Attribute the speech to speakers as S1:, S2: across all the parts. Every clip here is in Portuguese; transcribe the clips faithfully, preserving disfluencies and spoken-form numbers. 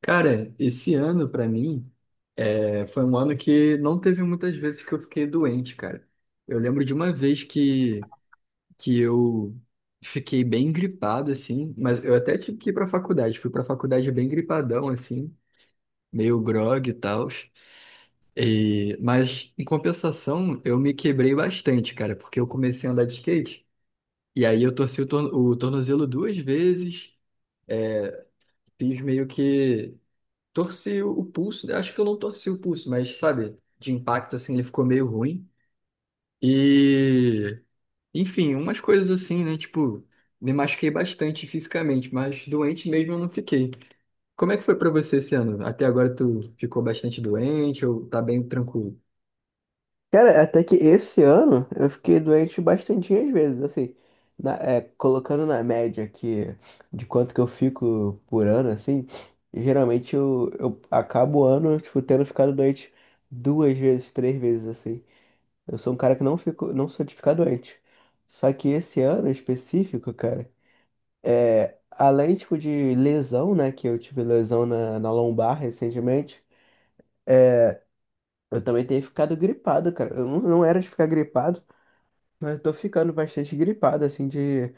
S1: Cara, esse ano pra mim é, foi um ano que não teve muitas vezes que eu fiquei doente, cara. Eu lembro de uma vez que, que eu fiquei bem gripado, assim, mas eu até tive que ir pra faculdade. Fui pra faculdade bem gripadão, assim, meio grogue e tal. E, mas, em compensação, eu me quebrei bastante, cara, porque eu comecei a andar de skate. E aí eu torci o, torno- o tornozelo duas vezes, eh, fiz meio que. Torci o pulso, né? Acho que eu não torci o pulso, mas sabe, de impacto assim, ele ficou meio ruim. E, enfim, umas coisas assim, né? Tipo, me machuquei bastante fisicamente, mas doente mesmo eu não fiquei. Como é que foi pra você esse ano? Até agora tu ficou bastante doente ou tá bem tranquilo?
S2: Cara, até que esse ano eu fiquei doente bastantinhas vezes, assim, na- é, colocando na média que de quanto que eu fico por ano, assim, geralmente eu, eu acabo o ano, tipo, tendo ficado doente duas vezes, três vezes, assim. Eu sou um cara que não fico, não sou de ficar doente. Só que esse ano em específico, cara, é, além, tipo, de lesão, né, que eu tive lesão na, na lombar recentemente, eu também tenho ficado gripado, cara. Eu não, não era de ficar gripado. Mas eu tô ficando bastante gripado, assim, de,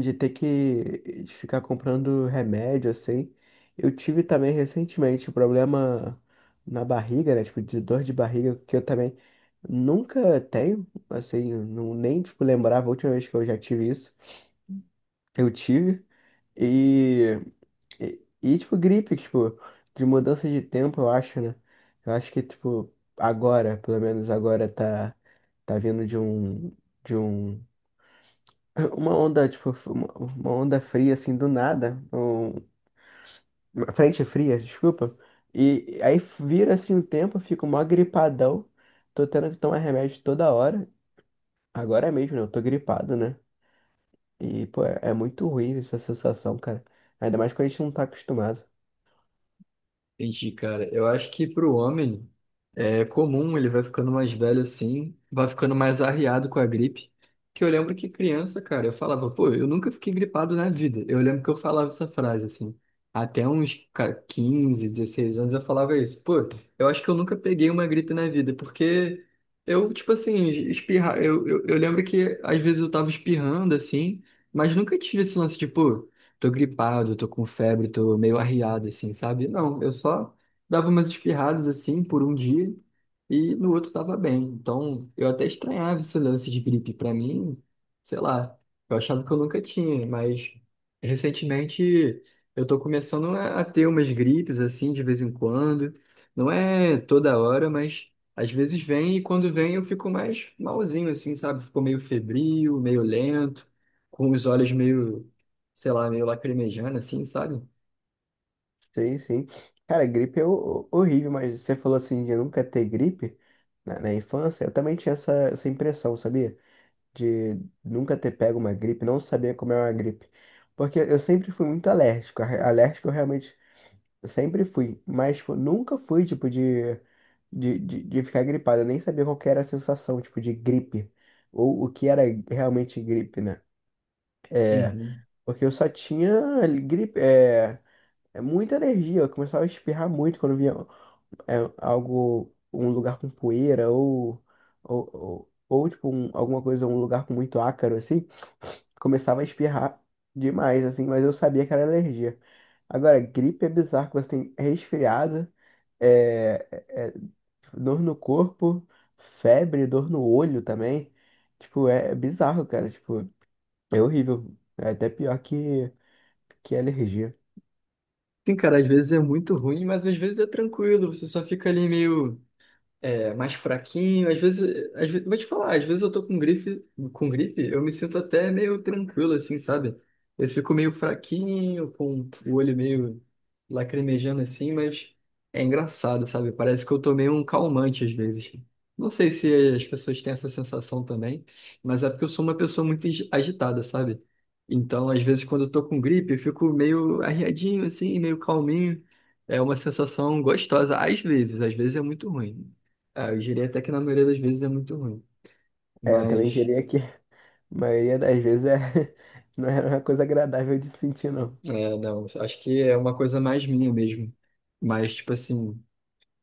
S2: de ter que de ficar comprando remédio, assim. Eu tive também recentemente um problema na barriga, né? Tipo, de dor de barriga, que eu também nunca tenho, assim, não, nem, tipo, lembrava a última vez que eu já tive isso. Eu tive. E, e, e, tipo, gripe, tipo, de mudança de tempo, eu acho, né? Eu acho que, tipo, agora, pelo menos agora, tá, tá vindo de um. De um uma onda, tipo, uma uma onda fria, assim, do nada, um- uma frente fria, desculpa, e aí vira, assim, o tempo, eu fico mó gripadão, tô tendo que tomar remédio toda hora, agora mesmo, né, eu tô gripado, né, e, pô, é, é muito ruim essa sensação, cara, ainda mais quando a gente não tá acostumado.
S1: Entendi, cara. Eu acho que pro homem é comum, ele vai ficando mais velho assim, vai ficando mais arriado com a gripe. Que eu lembro que criança, cara, eu falava, pô, eu nunca fiquei gripado na vida. Eu lembro que eu falava essa frase assim. Até uns ca- quinze, dezesseis anos eu falava isso. Pô, eu acho que eu nunca peguei uma gripe na vida, porque eu, tipo assim, espirrar. Eu, eu, eu lembro que às vezes eu tava espirrando assim, mas nunca tive esse lance de, pô, tô gripado, tô com febre, tô meio arriado, assim, sabe? Não, eu só dava umas espirradas, assim, por um dia e no outro tava bem. Então, eu até estranhava esse lance de gripe pra mim, sei lá, eu achava que eu nunca tinha, mas recentemente eu tô começando a a ter umas gripes, assim, de vez em quando. Não é toda hora, mas às vezes vem e quando vem eu fico mais malzinho, assim, sabe? Ficou meio febril, meio lento, com os olhos meio, sei lá, meio lacrimejando, assim, sabe?
S2: Sim, sim, cara, gripe é ho- horrível, mas você falou, assim, de nunca ter gripe na, na infância, eu também tinha essa, essa impressão, sabia? De nunca ter pego uma gripe, não saber como é uma gripe. Porque eu sempre fui muito alérgico. a- Alérgico eu realmente sempre fui. Mas tipo, nunca fui, tipo, de, de, de, de ficar gripado. Eu nem sabia qual que era a sensação, tipo, de gripe. Ou o que era realmente gripe, né? É,
S1: Uhum.
S2: Porque eu só tinha gripe, é, é muita alergia. Eu começava a espirrar muito quando via é, algo, um lugar com poeira ou, ou, ou, ou, tipo, um- alguma coisa, um lugar com muito ácaro, assim. Começava a espirrar demais, assim, mas eu sabia que era alergia. Agora, gripe é bizarro, que você tem resfriado, é, é- é dor no corpo, febre, dor no olho também. Tipo, é, é bizarro, cara. Tipo, é horrível. É até pior que, que alergia.
S1: Sim, cara, às vezes é muito ruim, mas às vezes é tranquilo, você só fica ali meio. É, mais fraquinho. Às vezes, às vezes, vou te falar, às vezes eu tô com grife, com gripe, eu me sinto até meio tranquilo, assim, sabe? Eu fico meio fraquinho, com o olho meio lacrimejando assim, mas é engraçado, sabe? Parece que eu tomei um calmante às vezes. Não sei se as pessoas têm essa sensação também, mas é porque eu sou uma pessoa muito agi- agitada, sabe? Então, às vezes, quando eu tô com gripe, eu fico meio arriadinho, assim, meio calminho. É uma sensação gostosa, às vezes, às vezes é muito ruim. Ah, eu diria até que na maioria das vezes é muito ruim.
S2: É, eu também
S1: Mas,
S2: diria que a maioria das vezes é, não era uma coisa agradável de sentir, não.
S1: é, não, acho que é uma coisa mais minha mesmo. Mas, tipo assim,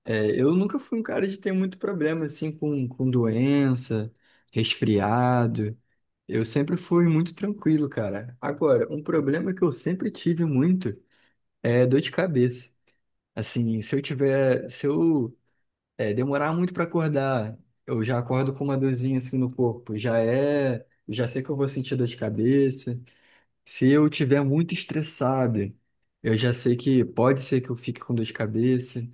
S1: é, eu nunca fui um cara de ter muito problema, assim, com, com doença, resfriado. Eu sempre fui muito tranquilo, cara. Agora, um problema que eu sempre tive muito é dor de cabeça. Assim, se eu tiver, se eu, é, demorar muito pra acordar, eu já acordo com uma dorzinha, assim, no corpo. Já é, já sei que eu vou sentir dor de cabeça. Se eu tiver muito estressado, eu já sei que pode ser que eu fique com dor de cabeça.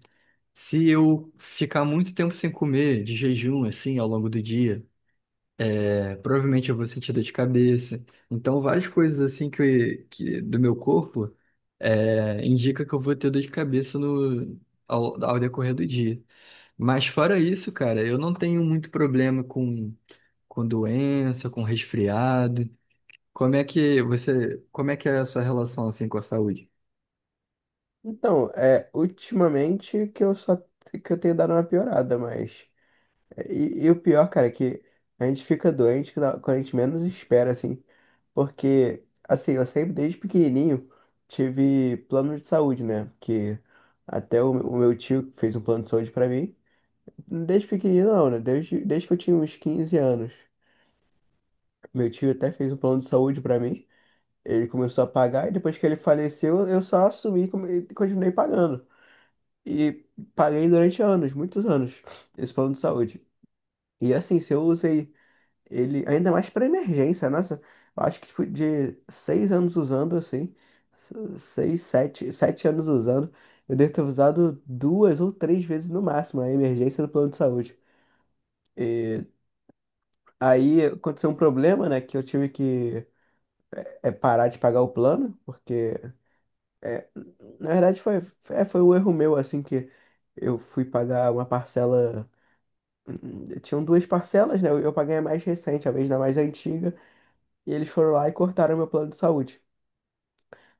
S1: Se eu ficar muito tempo sem comer, de jejum, assim, ao longo do dia, é, provavelmente eu vou sentir dor de cabeça. Então, várias coisas, assim, que, que do meu corpo, é, indica que eu vou ter dor de cabeça no, ao, ao decorrer do dia. Mas fora isso, cara, eu não tenho muito problema com, com doença, com resfriado. Como é que você, como é que é a sua relação assim com a saúde?
S2: Então, é, ultimamente que eu só que eu tenho dado uma piorada, mas. E, e o pior, cara, é que a gente fica doente quando quando a gente menos espera, assim. Porque, assim, eu sempre, desde pequenininho, tive plano de saúde, né? Que até o, o meu tio fez um plano de saúde pra mim. Desde pequenininho, não, né? Desde, desde que eu tinha uns quinze anos. Meu tio até fez um plano de saúde pra mim. Ele começou a pagar e depois que ele faleceu, eu só assumi e come- e continuei pagando. E paguei durante anos, muitos anos, esse plano de saúde. E assim, se eu usei ele, ainda mais para emergência, nossa, eu acho que tipo, de seis anos usando assim, se- seis, sete, sete anos usando, eu devo ter usado duas ou três vezes no máximo a emergência do plano de saúde. E aí aconteceu um problema, né, que eu tive que é, parar de pagar o plano, porque é, na verdade foi, é, foi um erro meu, assim, que eu fui pagar uma parcela, hum, tinham duas parcelas, né, eu eu paguei a mais recente, a vez da mais antiga, e eles foram lá e cortaram meu plano de saúde.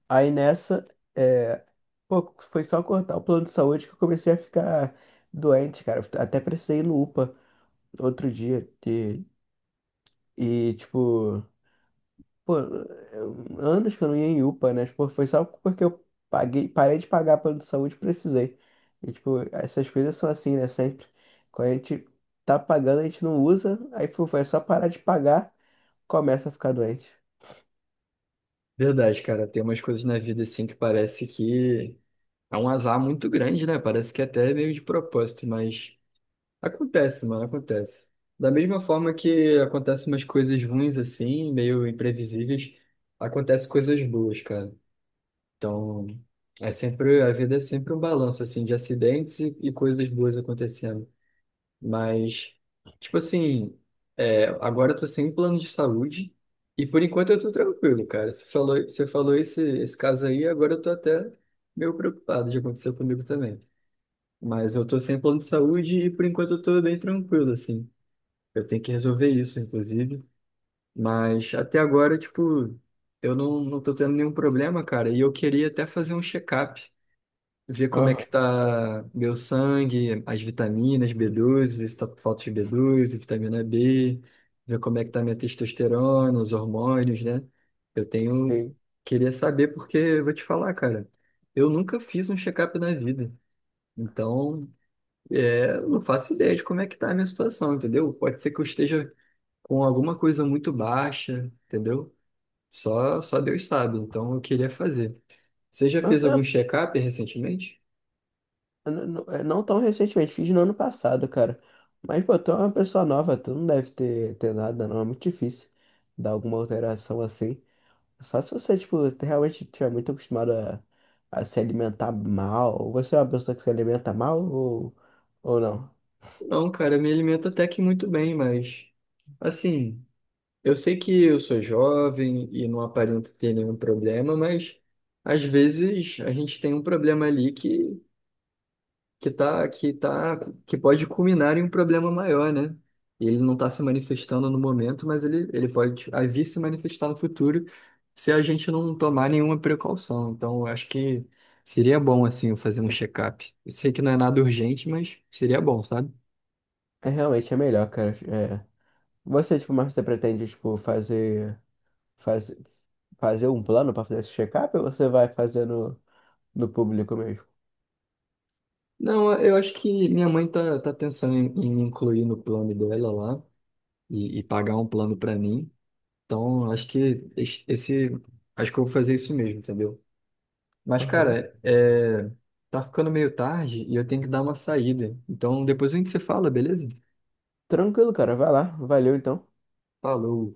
S2: Aí nessa, é, pô, foi só cortar o plano de saúde que eu comecei a ficar doente, cara. Até precisei ir no UPA outro dia. E, e tipo, pô, eu- anos que eu não ia em UPA, né? Tipo, foi só porque eu paguei, parei de pagar plano de saúde e precisei. E, tipo, essas coisas são assim, né? Sempre. Quando a gente tá pagando, a gente não usa. Aí, pô, foi só parar de pagar, começa a ficar doente.
S1: Verdade, cara, tem umas coisas na vida assim que parece que é um azar muito grande, né? Parece que até é meio de propósito, mas acontece, mano, acontece. Da mesma forma que acontecem umas coisas ruins assim, meio imprevisíveis, acontecem coisas boas, cara. Então, é sempre, a vida é sempre um balanço assim de acidentes e, e coisas boas acontecendo. Mas, tipo assim, é, agora eu tô sem plano de saúde e por enquanto eu tô tranquilo, cara. Você falou, você falou esse, esse caso aí, agora eu tô até meio preocupado de acontecer comigo também. Mas eu tô sem plano de saúde e por enquanto eu tô bem tranquilo, assim. Eu tenho que resolver isso, inclusive. Mas até agora, tipo, eu não, não tô tendo nenhum problema, cara. E eu queria até fazer um check-up, ver como é que
S2: Aham,
S1: tá meu sangue, as vitaminas B doze, ver se tá com falta de B doze, vitamina B, ver como é que tá minha testosterona, os hormônios, né? Eu tenho,
S2: sim.
S1: queria saber porque eu vou te falar, cara, eu nunca fiz um check-up na vida. Então, é, eu não faço ideia de como é que tá a minha situação, entendeu? Pode ser que eu esteja com alguma coisa muito baixa, entendeu? Só, só Deus sabe, então eu queria fazer. Você já
S2: Mas
S1: fez
S2: você
S1: algum
S2: é
S1: check-up recentemente?
S2: N- n- é, não tão recentemente, fiz no ano passado, cara. Mas, pô, tu é uma pessoa nova, tu não deve ter, ter nada, não. É muito difícil dar alguma alteração assim. Só se você, tipo, te- realmente estiver muito acostumado a, a se alimentar mal. Ou você é uma pessoa que se alimenta mal ou, ou não?
S1: Não, cara, me alimento até que muito bem, mas assim, eu sei que eu sou jovem e não aparento ter nenhum problema, mas às vezes a gente tem um problema ali que que tá que tá que pode culminar em um problema maior, né? E ele não está se manifestando no momento, mas ele ele pode a vir se manifestar no futuro se a gente não tomar nenhuma precaução. Então, eu acho que seria bom assim eu fazer um check-up. Eu sei que não é nada urgente, mas seria bom, sabe?
S2: É realmente é melhor, cara. É. Você, tipo, mas você pretende, tipo, fazer, fazer, fazer um plano pra fazer esse check-up ou você vai fazer no, no público mesmo?
S1: Não, eu acho que minha mãe tá, tá pensando em, em me incluir no plano dela lá e, e pagar um plano pra mim. Então, acho que es- esse, acho que eu vou fazer isso mesmo, entendeu? Mas,
S2: Aham.
S1: cara, é, tá ficando meio tarde e eu tenho que dar uma saída. Então, depois a gente se fala, beleza?
S2: Tranquilo, cara. Vai lá. Valeu, então.
S1: Falou.